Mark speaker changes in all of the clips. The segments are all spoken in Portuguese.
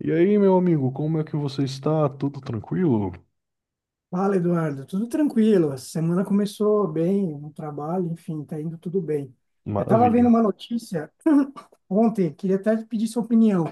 Speaker 1: E aí, meu amigo, como é que você está? Tudo tranquilo?
Speaker 2: Fala, Eduardo. Tudo tranquilo. A semana começou bem, no trabalho, enfim, tá indo tudo bem. Eu estava
Speaker 1: Maravilha.
Speaker 2: vendo uma notícia ontem, queria até te pedir sua opinião.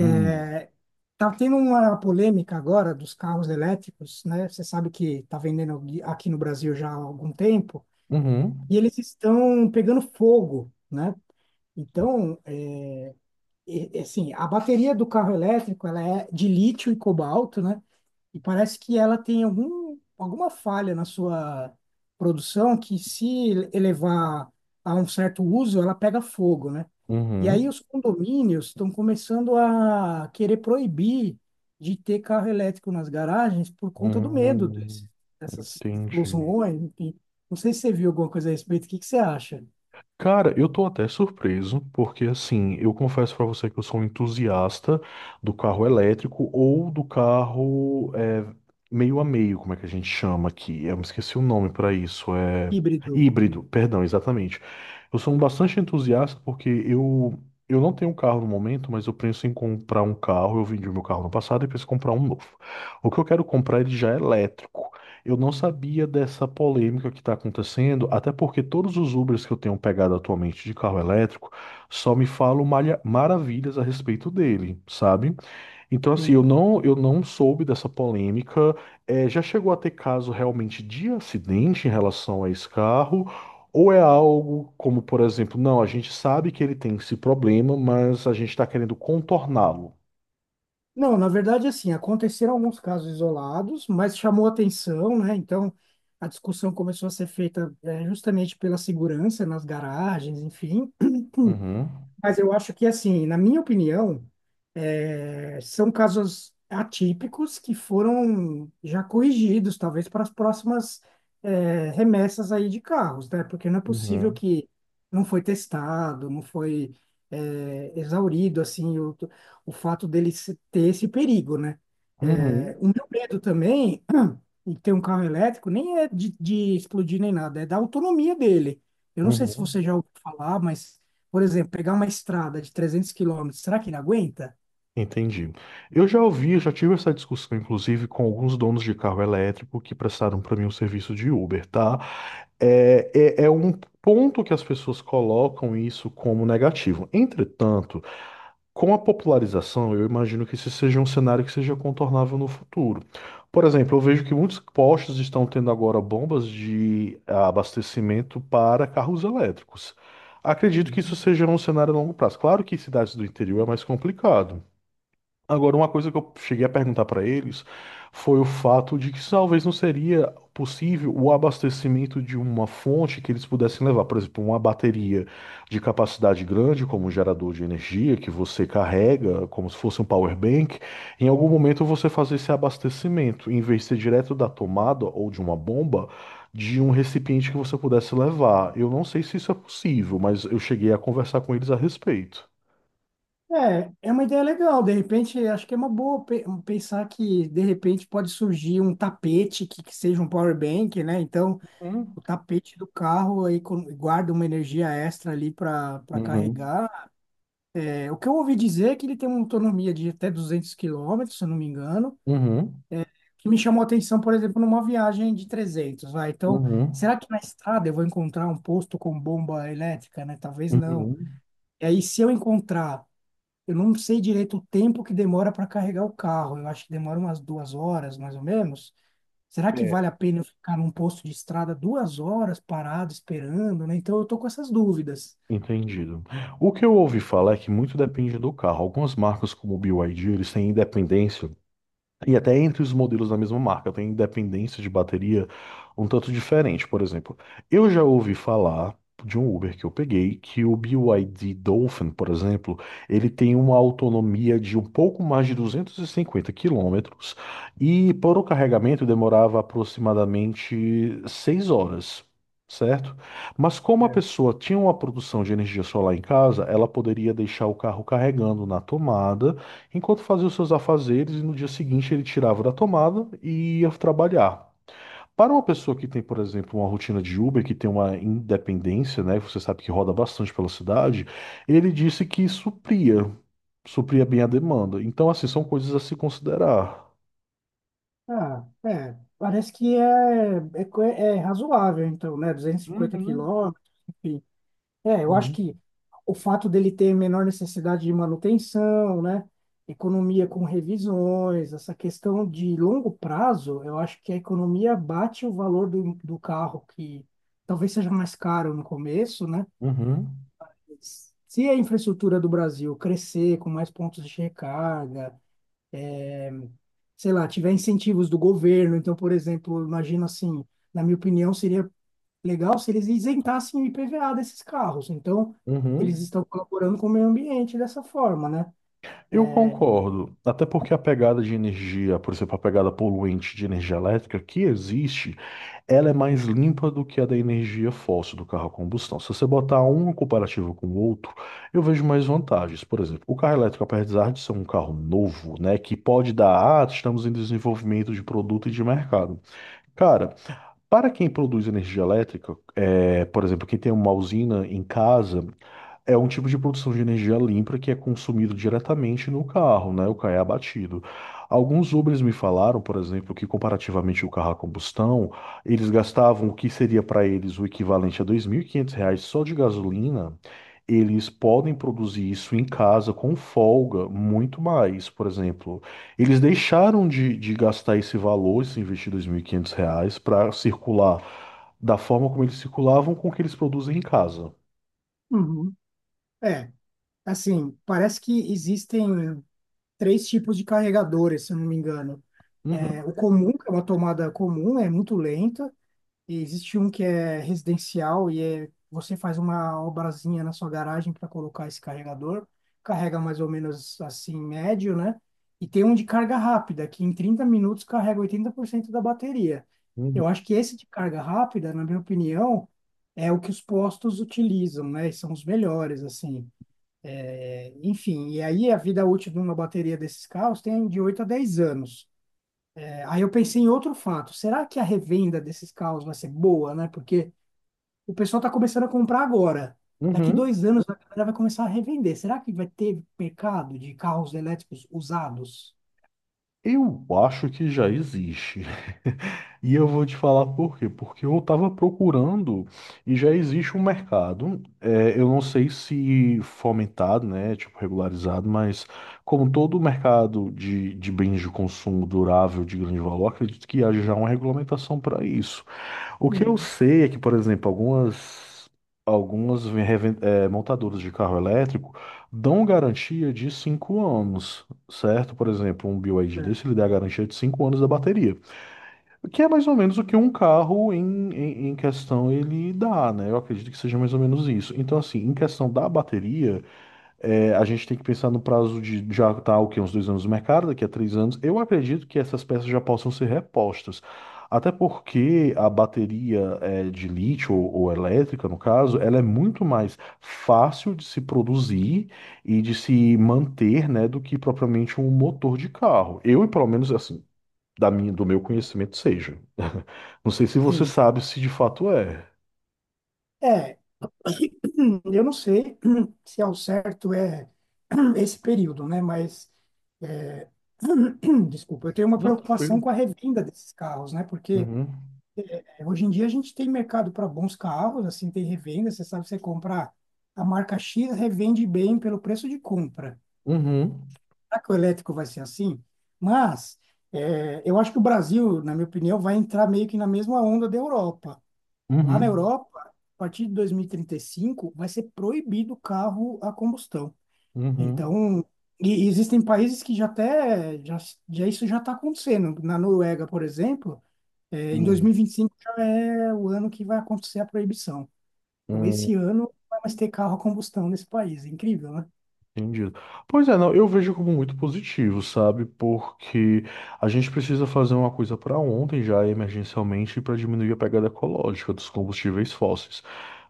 Speaker 1: Hum.
Speaker 2: tá tendo uma polêmica agora dos carros elétricos, né? Você sabe que tá vendendo aqui no Brasil já há algum tempo,
Speaker 1: Uhum.
Speaker 2: e eles estão pegando fogo, né? Então, assim, a bateria do carro elétrico, ela é de lítio e cobalto, né? E parece que ela tem alguma falha na sua produção que, se elevar a um certo uso, ela pega fogo, né? E aí
Speaker 1: Uhum.
Speaker 2: os condomínios estão começando a querer proibir de ter carro elétrico nas garagens por conta do medo
Speaker 1: Uhum.
Speaker 2: dessas
Speaker 1: Entendi.
Speaker 2: explosões. Enfim. Não sei se você viu alguma coisa a respeito. O que que você acha?
Speaker 1: Cara, eu tô até surpreso, porque assim, eu confesso pra você que eu sou um entusiasta do carro elétrico ou do carro meio a meio, como é que a gente chama aqui? Eu me esqueci o nome pra isso,
Speaker 2: Híbrido.
Speaker 1: híbrido, perdão, exatamente. Eu sou um bastante entusiasta porque eu não tenho um carro no momento, mas eu penso em comprar um carro. Eu vendi o meu carro no passado e penso em comprar um novo. O que eu quero comprar ele já é elétrico. Eu não sabia dessa polêmica que está acontecendo, até porque todos os Ubers que eu tenho pegado atualmente de carro elétrico só me falam maravilhas a respeito dele, sabe? Então, assim, eu não soube dessa polêmica. Já chegou a ter caso realmente de acidente em relação a esse carro? Ou é algo como, por exemplo, não, a gente sabe que ele tem esse problema, mas a gente está querendo contorná-lo?
Speaker 2: Não, na verdade, assim, aconteceram alguns casos isolados, mas chamou atenção, né? Então, a discussão começou a ser feita, justamente pela segurança nas garagens, enfim.
Speaker 1: Uhum,
Speaker 2: Mas eu acho que, assim, na minha opinião, são casos atípicos que foram já corrigidos, talvez para as próximas, remessas aí de carros, né? Porque não é possível
Speaker 1: uhum,
Speaker 2: que não foi testado, não foi, exaurido, assim, o fato dele ter esse perigo, né?
Speaker 1: uhum,
Speaker 2: O meu medo também e ter um carro elétrico nem é de explodir nem nada, é da autonomia dele. Eu não sei se
Speaker 1: uhum.
Speaker 2: você já ouviu falar, mas, por exemplo, pegar uma estrada de 300 quilômetros, será que não aguenta?
Speaker 1: Entendi. Eu já ouvi, já tive essa discussão, inclusive, com alguns donos de carro elétrico que prestaram para mim um serviço de Uber, tá? É, é um ponto que as pessoas colocam isso como negativo. Entretanto, com a popularização, eu imagino que esse seja um cenário que seja contornável no futuro. Por exemplo, eu vejo que muitos postos estão tendo agora bombas de abastecimento para carros elétricos. Acredito que isso
Speaker 2: Uhum.
Speaker 1: seja um cenário a longo prazo. Claro que em cidades do interior é mais complicado. Agora, uma coisa que eu cheguei a perguntar para eles foi o fato de que talvez não seria possível o abastecimento de uma fonte que eles pudessem levar, por exemplo, uma bateria de capacidade grande, como um gerador de energia que você carrega, como se fosse um power bank, em algum momento você fazer esse abastecimento, em vez de ser direto da tomada ou de uma bomba, de um recipiente que você pudesse levar. Eu não sei se isso é possível, mas eu cheguei a conversar com eles a respeito.
Speaker 2: É, é uma ideia legal. De repente, acho que é uma boa pensar que, de repente, pode surgir um tapete que seja um power bank, né? Então, o
Speaker 1: Hum.
Speaker 2: tapete do carro aí guarda uma energia extra ali para
Speaker 1: Uhum.
Speaker 2: carregar. É, o que eu ouvi dizer é que ele tem uma autonomia de até 200 quilômetros, se eu não me engano,
Speaker 1: Uhum.
Speaker 2: que me chamou a atenção, por exemplo, numa viagem de 300, vai. Então,
Speaker 1: Uhum,
Speaker 2: será que na estrada eu vou encontrar um posto com bomba elétrica, né? Talvez não.
Speaker 1: uhum.
Speaker 2: E aí, se eu encontrar, eu não sei direito o tempo que demora para carregar o carro. Eu acho que demora umas 2 horas, mais ou menos. Será que
Speaker 1: É,
Speaker 2: vale a pena eu ficar num posto de estrada 2 horas parado, esperando, né? Então, eu tô com essas dúvidas.
Speaker 1: Entendido. O que eu ouvi falar é que muito depende do carro. Algumas marcas como o BYD, eles têm independência. E até entre os modelos da mesma marca, tem independência de bateria um tanto diferente. Por exemplo, eu já ouvi falar de um Uber que eu peguei, que o BYD Dolphin, por exemplo, ele tem uma autonomia de um pouco mais de 250 quilômetros e para o carregamento demorava aproximadamente 6 horas. Certo? Mas como a pessoa tinha uma produção de energia solar em casa, ela poderia deixar o carro carregando na tomada. Enquanto fazia os seus afazeres, e no dia seguinte ele tirava da tomada e ia trabalhar. Para uma pessoa que tem, por exemplo, uma rotina de Uber, que tem uma independência, né? Você sabe que roda bastante pela cidade, ele disse que supria, supria bem a demanda. Então, assim, são coisas a se considerar.
Speaker 2: Ah, é, parece que é razoável, então, né? duzentos e cinquenta
Speaker 1: Uhum,
Speaker 2: quilômetros, enfim. É, eu acho
Speaker 1: uhum,
Speaker 2: que o fato dele ter menor necessidade de manutenção, né? Economia com revisões, essa questão de longo prazo, eu acho que a economia bate o valor do carro, que talvez seja mais caro no começo, né?
Speaker 1: uhum,
Speaker 2: Se a infraestrutura do Brasil crescer com mais pontos de recarga, é, sei lá, tiver incentivos do governo. Então, por exemplo, eu imagino assim, na minha opinião, seria legal se eles isentassem o IPVA desses carros. Então, eles
Speaker 1: uhum.
Speaker 2: estão colaborando com o meio ambiente dessa forma, né?
Speaker 1: Eu concordo, até porque a pegada de energia, por exemplo, a pegada poluente de energia elétrica que existe, ela é mais limpa do que a da energia fóssil do carro a combustão. Se você botar um comparativo com o outro, eu vejo mais vantagens. Por exemplo, o carro elétrico, apesar de ser um carro novo, né, que pode dar, ah, estamos em desenvolvimento de produto e de mercado. Cara, para quem produz energia elétrica, por exemplo, quem tem uma usina em casa, é um tipo de produção de energia limpa que é consumido diretamente no carro, né? O carro é abatido. Alguns Ubers me falaram, por exemplo, que comparativamente o carro a combustão, eles gastavam o que seria para eles o equivalente a R$ 2.500 só de gasolina. Eles podem produzir isso em casa com folga, muito mais. Por exemplo, eles deixaram de gastar esse valor, se investir R$ 2.500, para circular da forma como eles circulavam com o que eles produzem em casa.
Speaker 2: Uhum. É, assim, parece que existem três tipos de carregadores, se eu não me engano. É, o comum, que é uma tomada comum, é muito lenta. E existe um que é residencial e é, você faz uma obrazinha na sua garagem para colocar esse carregador, carrega mais ou menos assim, médio, né? E tem um de carga rápida, que em 30 minutos carrega 80% da bateria.
Speaker 1: Uhum.
Speaker 2: Eu acho que esse de carga rápida, na minha opinião, é o que os postos utilizam, né? E são os melhores, assim. É, enfim, e aí a vida útil de uma bateria desses carros tem de 8 a 10 anos. É, aí eu pensei em outro fato. Será que a revenda desses carros vai ser boa, né? Porque o pessoal está começando a comprar agora. Daqui
Speaker 1: Uhum.
Speaker 2: 2 anos a galera vai começar a revender. Será que vai ter mercado de carros elétricos usados?
Speaker 1: Eu acho que já existe. E eu vou te falar por quê. Porque eu estava procurando e já existe um mercado. É, eu não sei se fomentado, né? Tipo, regularizado, mas como todo mercado de bens de consumo durável de grande valor, acredito que haja já uma regulamentação para isso. O que eu
Speaker 2: Uhum.
Speaker 1: sei é que, por exemplo, algumas montadoras de carro elétrico dão garantia de 5 anos, certo? Por exemplo, um BYD
Speaker 2: É.
Speaker 1: desse, ele dá a garantia de 5 anos da bateria, o que é mais ou menos o que um carro em questão ele dá, né? Eu acredito que seja mais ou menos isso. Então, assim, em questão da bateria, a gente tem que pensar no prazo de já tá o quê? Uns 2 anos no mercado, daqui a 3 anos. Eu acredito que essas peças já possam ser repostas. Até porque a bateria de lítio ou elétrica, no caso, ela é muito mais fácil de se produzir e de se manter, né, do que propriamente um motor de carro. Eu, pelo menos, assim, da minha, do meu conhecimento, seja. Não sei se você
Speaker 2: Sim.
Speaker 1: sabe se de fato é.
Speaker 2: É, eu não sei se ao certo é esse período, né? Mas, desculpa, eu tenho uma
Speaker 1: Não,
Speaker 2: preocupação
Speaker 1: tranquilo.
Speaker 2: com a revenda desses carros, né? Porque
Speaker 1: Uhum.
Speaker 2: hoje em dia a gente tem mercado para bons carros, assim, tem revenda, você sabe, você comprar a marca X, revende bem pelo preço de compra.
Speaker 1: Uhum.
Speaker 2: Será que o elétrico vai ser assim? Mas é, eu acho que o Brasil, na minha opinião, vai entrar meio que na mesma onda da Europa. Lá na
Speaker 1: Uhum.
Speaker 2: Europa, a partir de dois mil e trinta e cinco, vai ser proibido o carro a combustão.
Speaker 1: Uhum.
Speaker 2: Então, e existem países que já isso já está acontecendo. Na Noruega, por exemplo, é, em
Speaker 1: Uhum.
Speaker 2: 2025 já é o ano que vai acontecer a proibição. Então,
Speaker 1: Uhum.
Speaker 2: esse ano não vai mais ter carro a combustão nesse país. É incrível, né?
Speaker 1: Entendido. Pois é, não, eu vejo como muito positivo, sabe? Porque a gente precisa fazer uma coisa para ontem já, emergencialmente, para diminuir a pegada ecológica dos combustíveis fósseis.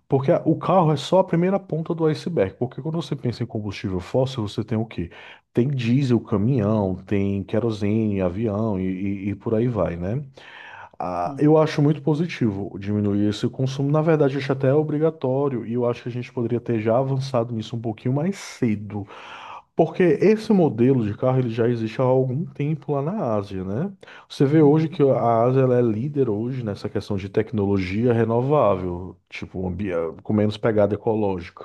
Speaker 1: Porque a- o carro é só a primeira ponta do iceberg. Porque quando você pensa em combustível fóssil, você tem o quê? Tem diesel, caminhão, tem querosene, avião e por aí vai, né? Ah,
Speaker 2: Sim.
Speaker 1: eu acho muito positivo diminuir esse consumo. Na verdade, acho até é obrigatório e eu acho que a gente poderia ter já avançado nisso um pouquinho mais cedo. Porque esse modelo de carro ele já existe há algum tempo lá na Ásia, né? Você vê hoje
Speaker 2: Uhum.
Speaker 1: que a Ásia ela é líder hoje nessa questão de tecnologia renovável, tipo, um com menos pegada ecológica.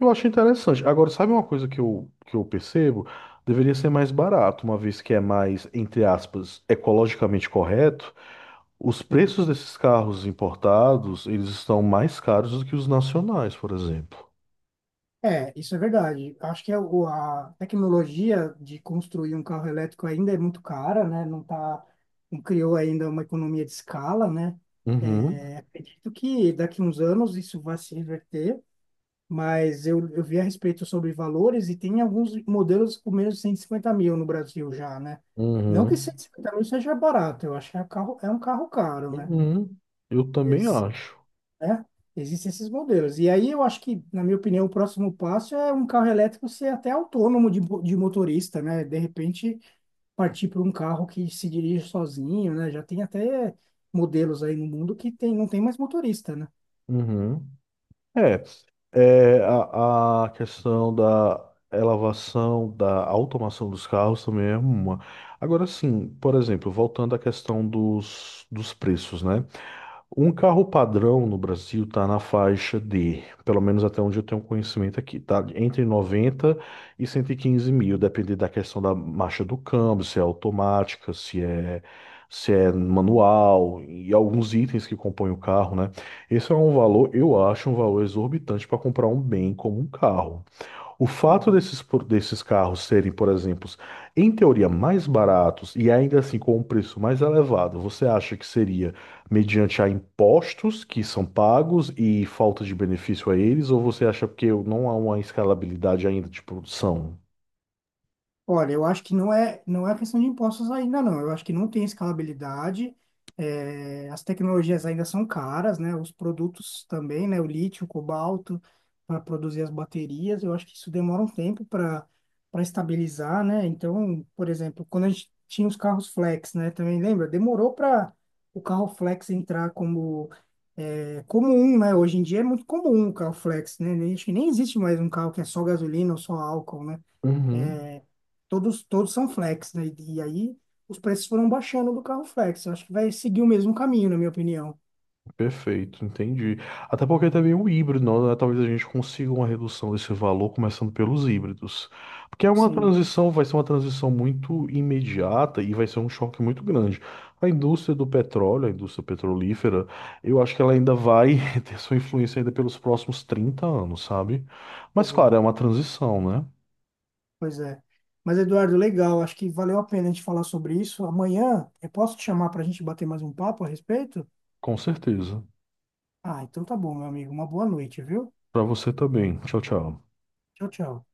Speaker 1: Eu acho interessante. Agora, sabe uma coisa que eu percebo? Deveria ser mais barato, uma vez que é mais, entre aspas, ecologicamente correto. Os
Speaker 2: Sim.
Speaker 1: preços desses carros importados, eles estão mais caros do que os nacionais, por exemplo.
Speaker 2: É, isso é verdade. Acho que é a tecnologia de construir um carro elétrico ainda é muito cara, né? Não tá, não criou ainda uma economia de escala, né?
Speaker 1: Uhum,
Speaker 2: É, acredito que daqui uns anos isso vai se reverter, mas eu vi a respeito sobre valores e tem alguns modelos com menos de 150 mil no Brasil já, né? Não que
Speaker 1: uhum,
Speaker 2: 150 mil seja barato, eu acho que é um carro caro, né?
Speaker 1: uhum. Eu também acho.
Speaker 2: Né? Existem esses modelos. E aí eu acho que, na minha opinião, o próximo passo é um carro elétrico ser até autônomo de motorista, né? De repente partir para um carro que se dirige sozinho, né? Já tem até modelos aí no mundo que tem, não tem mais motorista, né?
Speaker 1: Uhum. É, é a questão da elevação, da automação dos carros também é uma. Agora sim, por exemplo, voltando à questão dos preços, né? Um carro padrão no Brasil está na faixa de, pelo menos até onde eu tenho conhecimento aqui, tá? Entre 90 e 115 mil, depende da questão da marcha do câmbio, se é automática, se é manual e alguns itens que compõem o carro, né? Esse é um valor, eu acho, um valor exorbitante para comprar um bem como um carro. O fato desses carros serem, por exemplo, em teoria mais baratos e ainda assim com um preço mais elevado, você acha que seria mediante a impostos que são pagos e falta de benefício a eles, ou você acha que não há uma escalabilidade ainda de produção?
Speaker 2: Olha, eu acho que não é questão de impostos ainda, não. Eu acho que não tem escalabilidade. As tecnologias ainda são caras, né? Os produtos também, né? O lítio, o cobalto, para produzir as baterias. Eu acho que isso demora um tempo para estabilizar, né? Então, por exemplo, quando a gente tinha os carros flex, né? Também lembra? Demorou para o carro flex entrar como comum, né? Hoje em dia é muito comum o carro flex, né? Acho que nem existe mais um carro que é só gasolina ou só álcool, né? É, todos são flex, né? E aí os preços foram baixando do carro flex. Eu acho que vai seguir o mesmo caminho, na minha opinião.
Speaker 1: Perfeito, entendi. Até porque também o híbrido, né? Talvez a gente consiga uma redução desse valor começando pelos híbridos. Porque é uma
Speaker 2: Sim.
Speaker 1: transição, vai ser uma transição muito imediata e vai ser um choque muito grande. A indústria do petróleo, a indústria petrolífera, eu acho que ela ainda vai ter sua influência ainda pelos próximos 30 anos, sabe? Mas
Speaker 2: Pois é.
Speaker 1: claro, é uma transição, né?
Speaker 2: Pois é. Mas, Eduardo, legal. Acho que valeu a pena a gente falar sobre isso. Amanhã eu posso te chamar para a gente bater mais um papo a respeito?
Speaker 1: Com certeza.
Speaker 2: Ah, então tá bom, meu amigo. Uma boa noite, viu?
Speaker 1: Para você também. Tchau, tchau.
Speaker 2: Tchau, tchau.